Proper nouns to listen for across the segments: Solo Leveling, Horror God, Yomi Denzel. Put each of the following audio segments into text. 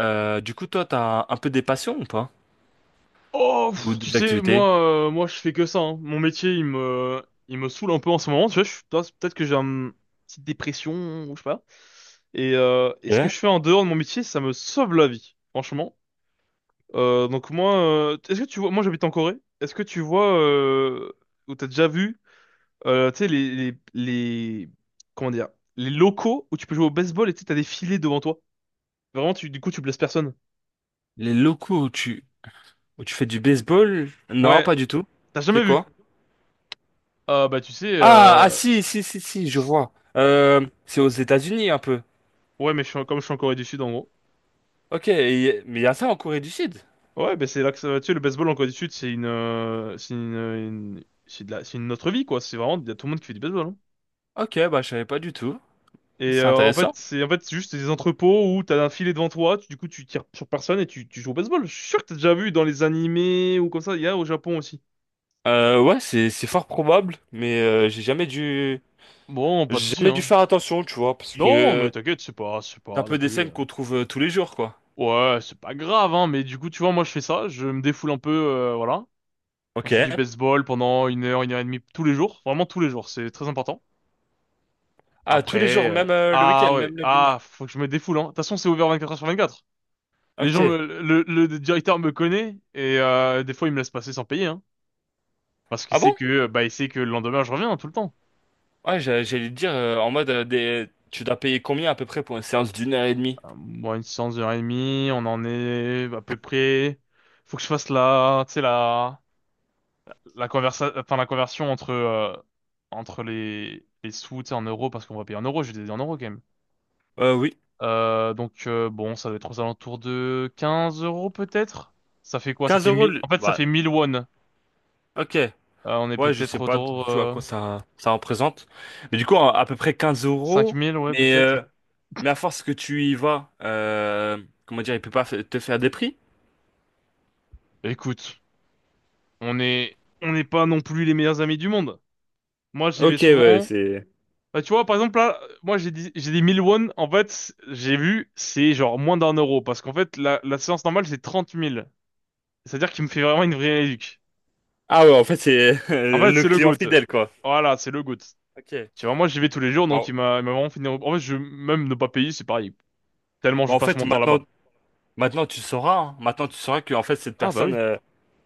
Du coup, toi, t'as un peu des passions ou pas? Oh, Ou pff, tu des sais, activités? moi, je fais que ça, hein. Mon métier, il me saoule un peu en ce moment. Tu vois, peut-être que j'ai une petite dépression ou je sais pas. Et ce que Ouais. je fais en dehors de mon métier, ça me sauve la vie, franchement. Donc moi, est-ce que tu vois, moi j'habite en Corée. Est-ce que tu vois ou t'as déjà vu, tu sais les comment dire, les locaux où tu peux jouer au baseball et tu sais, t'as des filets devant toi. Vraiment, du coup, tu blesses personne. Les locaux où tu fais du baseball? Non, Ouais, pas du tout. t'as C'est jamais vu. quoi? Bah tu sais, Ah, ah, si, si, si, si, je vois. C'est aux États-Unis un peu. ouais, mais comme je suis en Corée du Sud, en gros. Ok, mais il y a ça en Corée du Sud. Ouais, ben c'est là que ça va. Tu sais, le baseball en Corée du Sud, c'est une autre vie, quoi. C'est vraiment, il y a tout le monde qui fait du baseball, hein. Ok, bah je savais pas du tout. Et C'est euh, en fait, intéressant. c'est en fait c'est juste des entrepôts où t'as un filet devant toi, du coup tu tires sur personne et tu joues au baseball. Je suis sûr que t'as déjà vu dans les animés ou comme ça, il y a au Japon aussi. Ouais, c'est fort probable, mais j'ai jamais dû Bon, pas de j'ai souci, jamais dû hein. faire attention, tu vois, parce que Non, mais t'inquiète, c'est pas, c'est c'est un pas non peu des plus. Scènes qu'on trouve tous les jours, quoi. Ouais, c'est pas grave, hein. Mais du coup, tu vois, moi je fais ça, je me défoule un peu, voilà. Je fais du Ok. baseball pendant 1 heure, 1 heure et demie tous les jours, vraiment tous les jours, c'est très important. Ah, tous les Après, jours, même le ah week-end, même ouais, le ah, dimanche. faut que je me défoule, hein. De toute façon, c'est ouvert 24 heures sur 24. Ok. Le directeur me connaît et des fois, il me laisse passer sans payer, hein. Parce qu'il Ah sait bon? que, bah, il sait que le lendemain, je reviens hein, tout le temps. Ouais, j'allais te dire, en mode, tu dois payer combien à peu près pour une séance d'une heure et demie? Moi, une séance d'heure et demie, on en est à peu près. Faut que je fasse la, tu sais, enfin, la conversion entre les sous, tu sais, en euros, parce qu'on va payer en euros, je les ai dit en euros quand même. Oui. Donc bon, ça doit être aux alentours de 15 € peut-être. Ça fait quoi? Ça quinze fait euros, 1 000. En fait, ça fait bah, 1 000 won. Ok. On est Ouais, je peut-être sais pas du autour tout à quoi ça, ça représente. Mais du coup, à peu près 15 euros. 5 000, ouais Mais, euh, peut-être. mais à force que tu y vas, comment dire, il peut pas te faire des prix? Écoute, on n'est pas non plus les meilleurs amis du monde. Moi, j'y vais Ok, ouais, souvent. c'est... Bah, tu vois, par exemple là, moi j'ai dit 1 000 won. En fait, j'ai vu, c'est genre moins d'un euro parce qu'en fait la séance normale c'est 30 000. C'est-à-dire qu'il me fait vraiment une vraie éduque. Ah ouais, en fait, c'est En fait, le c'est le client GOAT. fidèle, quoi. Voilà, c'est le GOAT. Ok. Tu vois, moi, j'y vais tous les jours, donc il Bon, m'a il m'a vraiment fini. En fait, même ne pas payer, c'est pareil. Tellement bah, je en passe fait, mon temps maintenant, là-bas. maintenant tu sauras, hein. Maintenant, tu sauras que, en fait, cette Ah, bah personne, oui.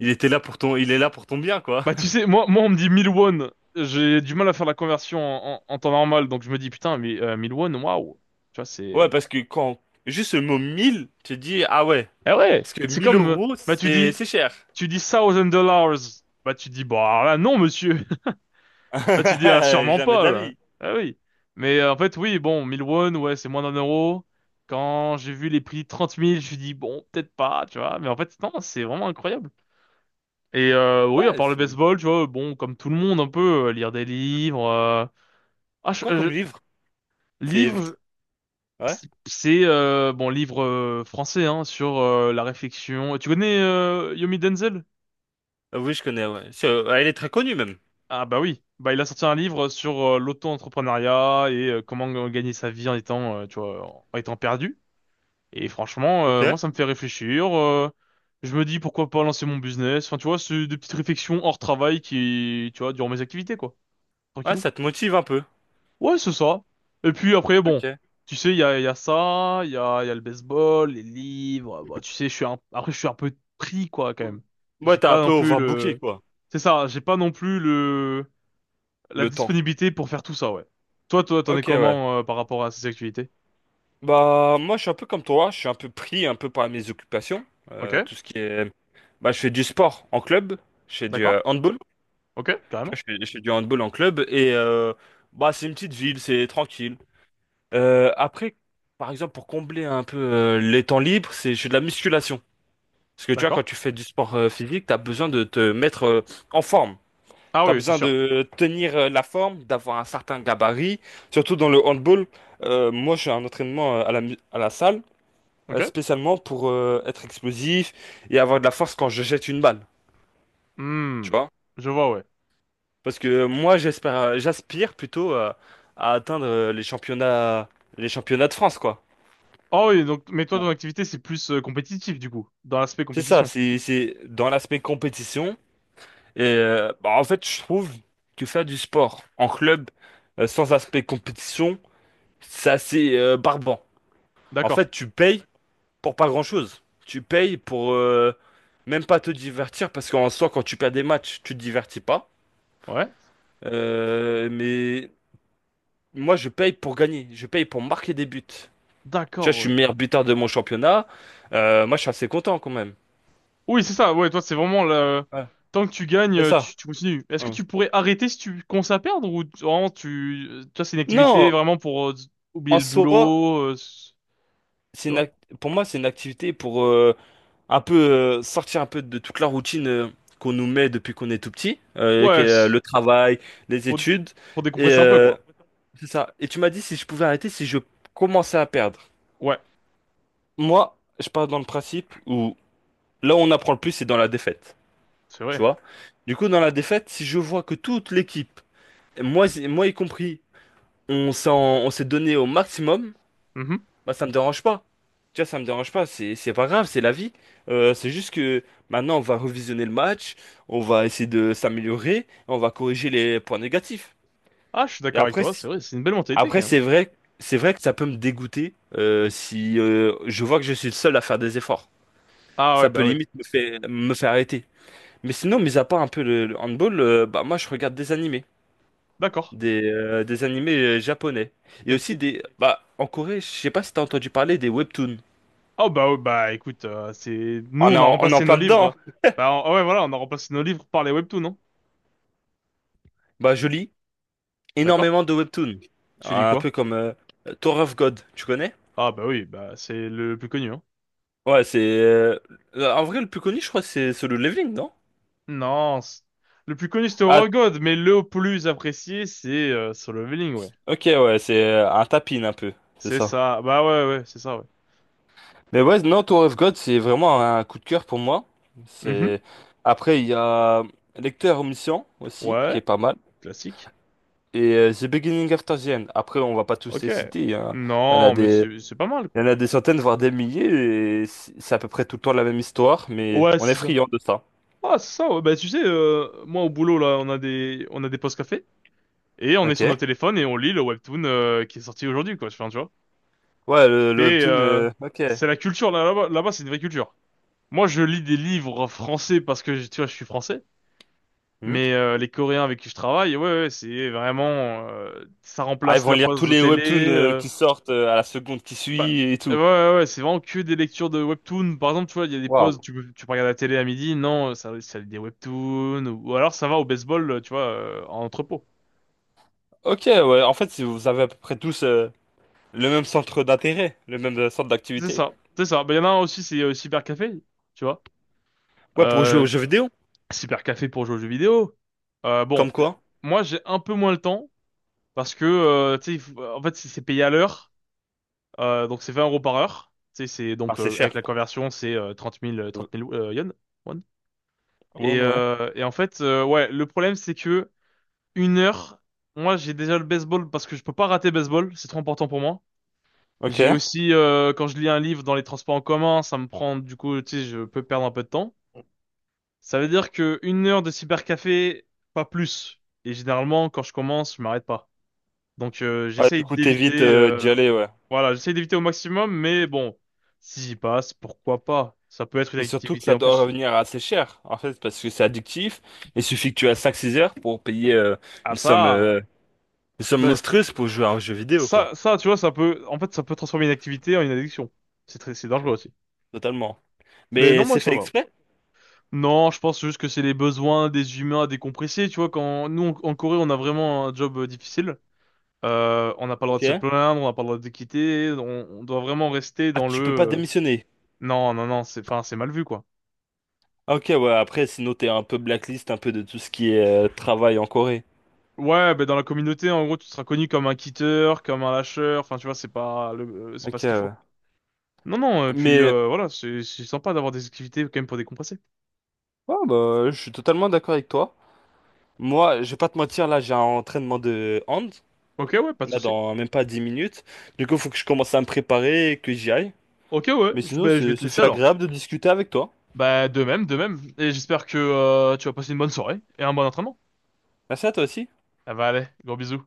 il est là pour ton bien, quoi. Bah, tu sais, moi, on me dit 1 000 won. J'ai du mal à faire la conversion en temps normal, donc je me dis, putain, mais 1 000 won, waouh. Tu vois, Ouais, c'est. parce que quand juste le mot 1000 tu te dis, ah ouais, Eh ouais, parce que c'est 1000 comme. Euros, Bah, tu c'est dis. c'est cher. Tu dis one thousand dollars. Bah, tu dis, bah, là, non, monsieur. Ah, tu dis, ah, sûrement Jamais de pas, la là. vie. Ah oui. Mais en fait, oui, bon, 1 000 won, ouais, c'est moins d'un euro. Quand j'ai vu les prix 30 000, je me suis dit, bon, peut-être pas, tu vois. Mais en fait, non, c'est vraiment incroyable. Oui, à Ouais, part le c'est... baseball, tu vois, bon, comme tout le monde, un peu, lire des livres. Ah, je- Quoi euh, comme livre? je- C'est... livres, je- Ouais? c'est bon, livre français, hein, sur la réflexion. Tu connais Yomi Denzel? Ah oui, je connais, ouais. Elle est très connue, même. Ah bah oui, bah il a sorti un livre sur l'auto-entrepreneuriat et comment gagner sa vie en étant, tu vois, en étant perdu. Et franchement, Ok. Moi, ça me fait réfléchir. Je me dis pourquoi pas lancer mon business. Enfin, tu vois, c'est des petites réflexions hors travail qui, tu vois, durant mes activités, quoi. Ouais, Tranquillou. ça te motive un peu. Ouais, c'est ça. Et puis après, bon, Ok. tu sais, il y a, ça, il y a, le baseball, les livres. Bah, tu sais, après, je suis un peu pris, quoi, quand même. Ouais, J'ai t'as un pas peu non plus overbooké, le. quoi. C'est ça, j'ai pas non plus le la Le temps. disponibilité pour faire tout ça, ouais. Toi, t'en es Ok, ouais. comment par rapport à ces activités? Bah, moi, je suis un peu comme toi. Je suis un peu pris un peu par mes occupations. Ok, Tout ce qui est... Bah, je fais du sport en club. Je fais du d'accord. Handball. Ok, Tu carrément. vois, je fais du handball en club et bah, c'est une petite ville, c'est tranquille. Après, par exemple, pour combler un peu les temps libres, je fais de la musculation. Parce que tu vois, D'accord. quand tu fais du sport physique, tu as besoin de te mettre en forme. Ah Tu as oui, c'est besoin sûr. de tenir la forme, d'avoir un certain gabarit. Surtout dans le handball, moi, je fais un entraînement à la salle, Ok. Spécialement pour être explosif et avoir de la force quand je jette une balle. Tu Hmm, vois. je vois, ouais. Parce que moi, j'aspire plutôt à atteindre les championnats de France, quoi. Oh oui, donc, mais toi, Bon. ton activité, c'est plus compétitif, du coup, dans l'aspect C'est ça, compétition. c'est dans l'aspect compétition. Et bah, en fait, je trouve que faire du sport en club sans aspect compétition, c'est assez barbant. En D'accord. fait, tu payes pour pas grand-chose. Tu payes pour même pas te divertir, parce qu'en soi, quand tu perds des matchs, tu te divertis pas. Ouais. Mais moi, je paye pour gagner, je paye pour marquer des buts. Tu vois, D'accord, je suis ouais. meilleur buteur de mon championnat. Moi, je suis assez content quand même. Oui, c'est ça, ouais, toi, c'est vraiment le. Ouais, Tant que tu gagnes, c'est euh, ça. tu, tu continues. Est-ce que Ouais. tu pourrais arrêter si tu commences à perdre ou vraiment toi, c'est une activité Non, vraiment pour oublier en le soi, boulot, c'est tu une vois? ac- pour moi, c'est une activité pour un peu sortir un peu de toute la routine qu'on nous met depuis qu'on est tout petit, qui est, Ouais, le travail, les pour, études. pour Et décompresser un peu, quoi. c'est ça. Et tu m'as dit si je pouvais arrêter, si je commençais à perdre. Ouais, Moi, je pars dans le principe où là où on apprend le plus, c'est dans la défaite. c'est Tu vrai. vois? Du coup, dans la défaite, si je vois que toute l'équipe, moi, moi y compris, on s'en, on s'est donné au maximum, Mhm. bah ça me dérange pas. Tu vois, ça me dérange pas, c'est pas grave, c'est la vie. C'est juste que maintenant on va revisionner le match, on va essayer de s'améliorer, on va corriger les points négatifs. Ah, je suis Et d'accord avec après, toi, c'est vrai, c'est une belle mentalité, après quand même. C'est vrai que ça peut me dégoûter si je vois que je suis le seul à faire des efforts. Ah ouais, Ça peut bah ouais. limite me faire arrêter. Mais sinon, mis à part un peu le handball, bah moi je regarde des animés. D'accord. Des animés japonais. Et aussi Et, des... Bah, en Corée, je sais pas si t'as entendu parler des webtoons. oh bah ouais, bah écoute, c'est nous On est on a en, on est en remplacé nos plein dedans, livres. hein. Ah ouais voilà, on a remplacé nos livres par les webtoons, non? Bah, je lis D'accord? énormément de webtoons. Tu lis Un quoi? peu comme Tower of God, tu connais? Ah bah oui, bah c'est le plus connu, hein. Ouais, c'est... en vrai, le plus connu, je crois, c'est Solo Leveling, non? Non, le plus connu c'était Horror Ah, God, mais le plus apprécié c'est Solo Leveling, ouais. ok, ouais, c'est un tapin un peu, c'est C'est ça. ça. Bah ouais ouais, c'est ça ouais. Mais ouais, non, Tower of God, c'est vraiment un coup de cœur pour moi. Mhm. C'est... Après, il y a Lecteur Omniscient aussi, qui Ouais, est pas mal. classique. Et The Beginning of the End. Après, on va pas tous Ok. les citer, hein. Il y en a Non, mais des, c'est pas mal il y en quoi. a des centaines, voire des milliers. Et c'est à peu près tout le temps la même histoire, mais Ouais, on est c'est ça. friand de ça. Ah, c'est ça, ouais. Bah tu sais, moi au boulot là, on a des pauses café. Et on est Ok. sur nos téléphones et on lit le webtoon qui est sorti aujourd'hui, quoi. Enfin, tu vois. Ouais, le Et webtoon. euh, Ok. c'est la culture là, là-bas, c'est une vraie culture. Moi, je lis des livres français parce que, tu vois, je suis français. Hmm. Mais les Coréens avec qui je travaille, ouais, ouais, c'est vraiment, ça Ah, ils remplace vont la lire pause tous de les télé. webtoons euh, qui sortent à la seconde qui Bah, suit et ouais, ouais, tout. ouais, ouais, c'est vraiment que des lectures de webtoon. Par exemple, tu vois, il y a des pauses, Waouh. tu peux regarder la télé à midi. Non, ça lit des webtoons. Ou alors, ça va au baseball, tu vois, en entrepôt. Ok, ouais. En fait, si vous avez à peu près tous le même centre d'intérêt, le même centre C'est d'activité. ça, c'est ça. Bah, il y en a un aussi, c'est Cybercafé, tu vois. Ouais, pour jouer Euh, aux jeux vidéo. Super café pour jouer aux jeux vidéo. Bon, Comme quoi? moi j'ai un peu moins le temps parce que tu sais, en fait c'est payé à l'heure, donc c'est 20 € par heure. Tu sais, c'est Ah, donc c'est cher. avec la conversion c'est 30 000 Euh, 30 000 yens, won. Et, Bon, ouais. euh, et en fait ouais le problème c'est que une heure, moi j'ai déjà le baseball parce que je peux pas rater baseball, c'est trop important pour moi. Ok. J'ai aussi quand je lis un livre dans les transports en commun, ça me prend du coup tu sais je peux perdre un peu de temps. Ça veut dire que 1 heure de cybercafé, pas plus. Et généralement, quand je commence, je m'arrête pas. Donc, Ouais, du j'essaye coup, t'évites d'éviter, d'y aller, ouais. voilà, j'essaye d'éviter au maximum, mais bon, si j'y passe, pourquoi pas? Ça peut être une Et surtout que activité ça en doit plus. revenir assez cher, en fait, parce que c'est addictif. Il suffit que tu aies cinq six heures pour payer Ah une somme, ça, euh, une somme ben, monstrueuse pour jouer à un jeu vidéo, quoi. Ça, tu vois, en fait, ça peut transformer une activité en une addiction. C'est dangereux aussi. Totalement. Mais non, Mais moi c'est ça fait va. exprès, Non, je pense juste que c'est les besoins des humains à décompresser. Tu vois, quand nous en Corée, on a vraiment un job difficile. On n'a pas le droit de se ok? plaindre, on n'a pas le droit de quitter, on doit vraiment rester Ah, dans le. tu peux pas démissionner. Non, non, non, c'est, enfin, c'est mal vu, quoi. Ah, ok, ouais, après, sinon t'es un peu blacklist, un peu de tout ce qui est travail en Corée. Ouais, ben dans la communauté, en gros, tu seras connu comme un quitteur, comme un lâcheur, enfin, tu vois, c'est pas Ok, ce qu'il faut. ouais. Non, non, et puis, Mais, voilà, c'est sympa d'avoir des activités quand même pour décompresser. ouais, bah, je suis totalement d'accord avec toi. Moi, je vais pas te mentir, là, j'ai un entraînement de hand, Ok, ouais, pas de là, souci. dans même pas 10 minutes. Du coup, faut que je commence à me préparer, et que j'y aille. Ok, ouais, Mais sinon, ben, je vais te ce laisser fut alors. agréable de discuter avec toi. Bah, de même, de même. Et j'espère que tu vas passer une bonne soirée et un bon entraînement. Merci à toi aussi. Ah bah, allez, gros bisous.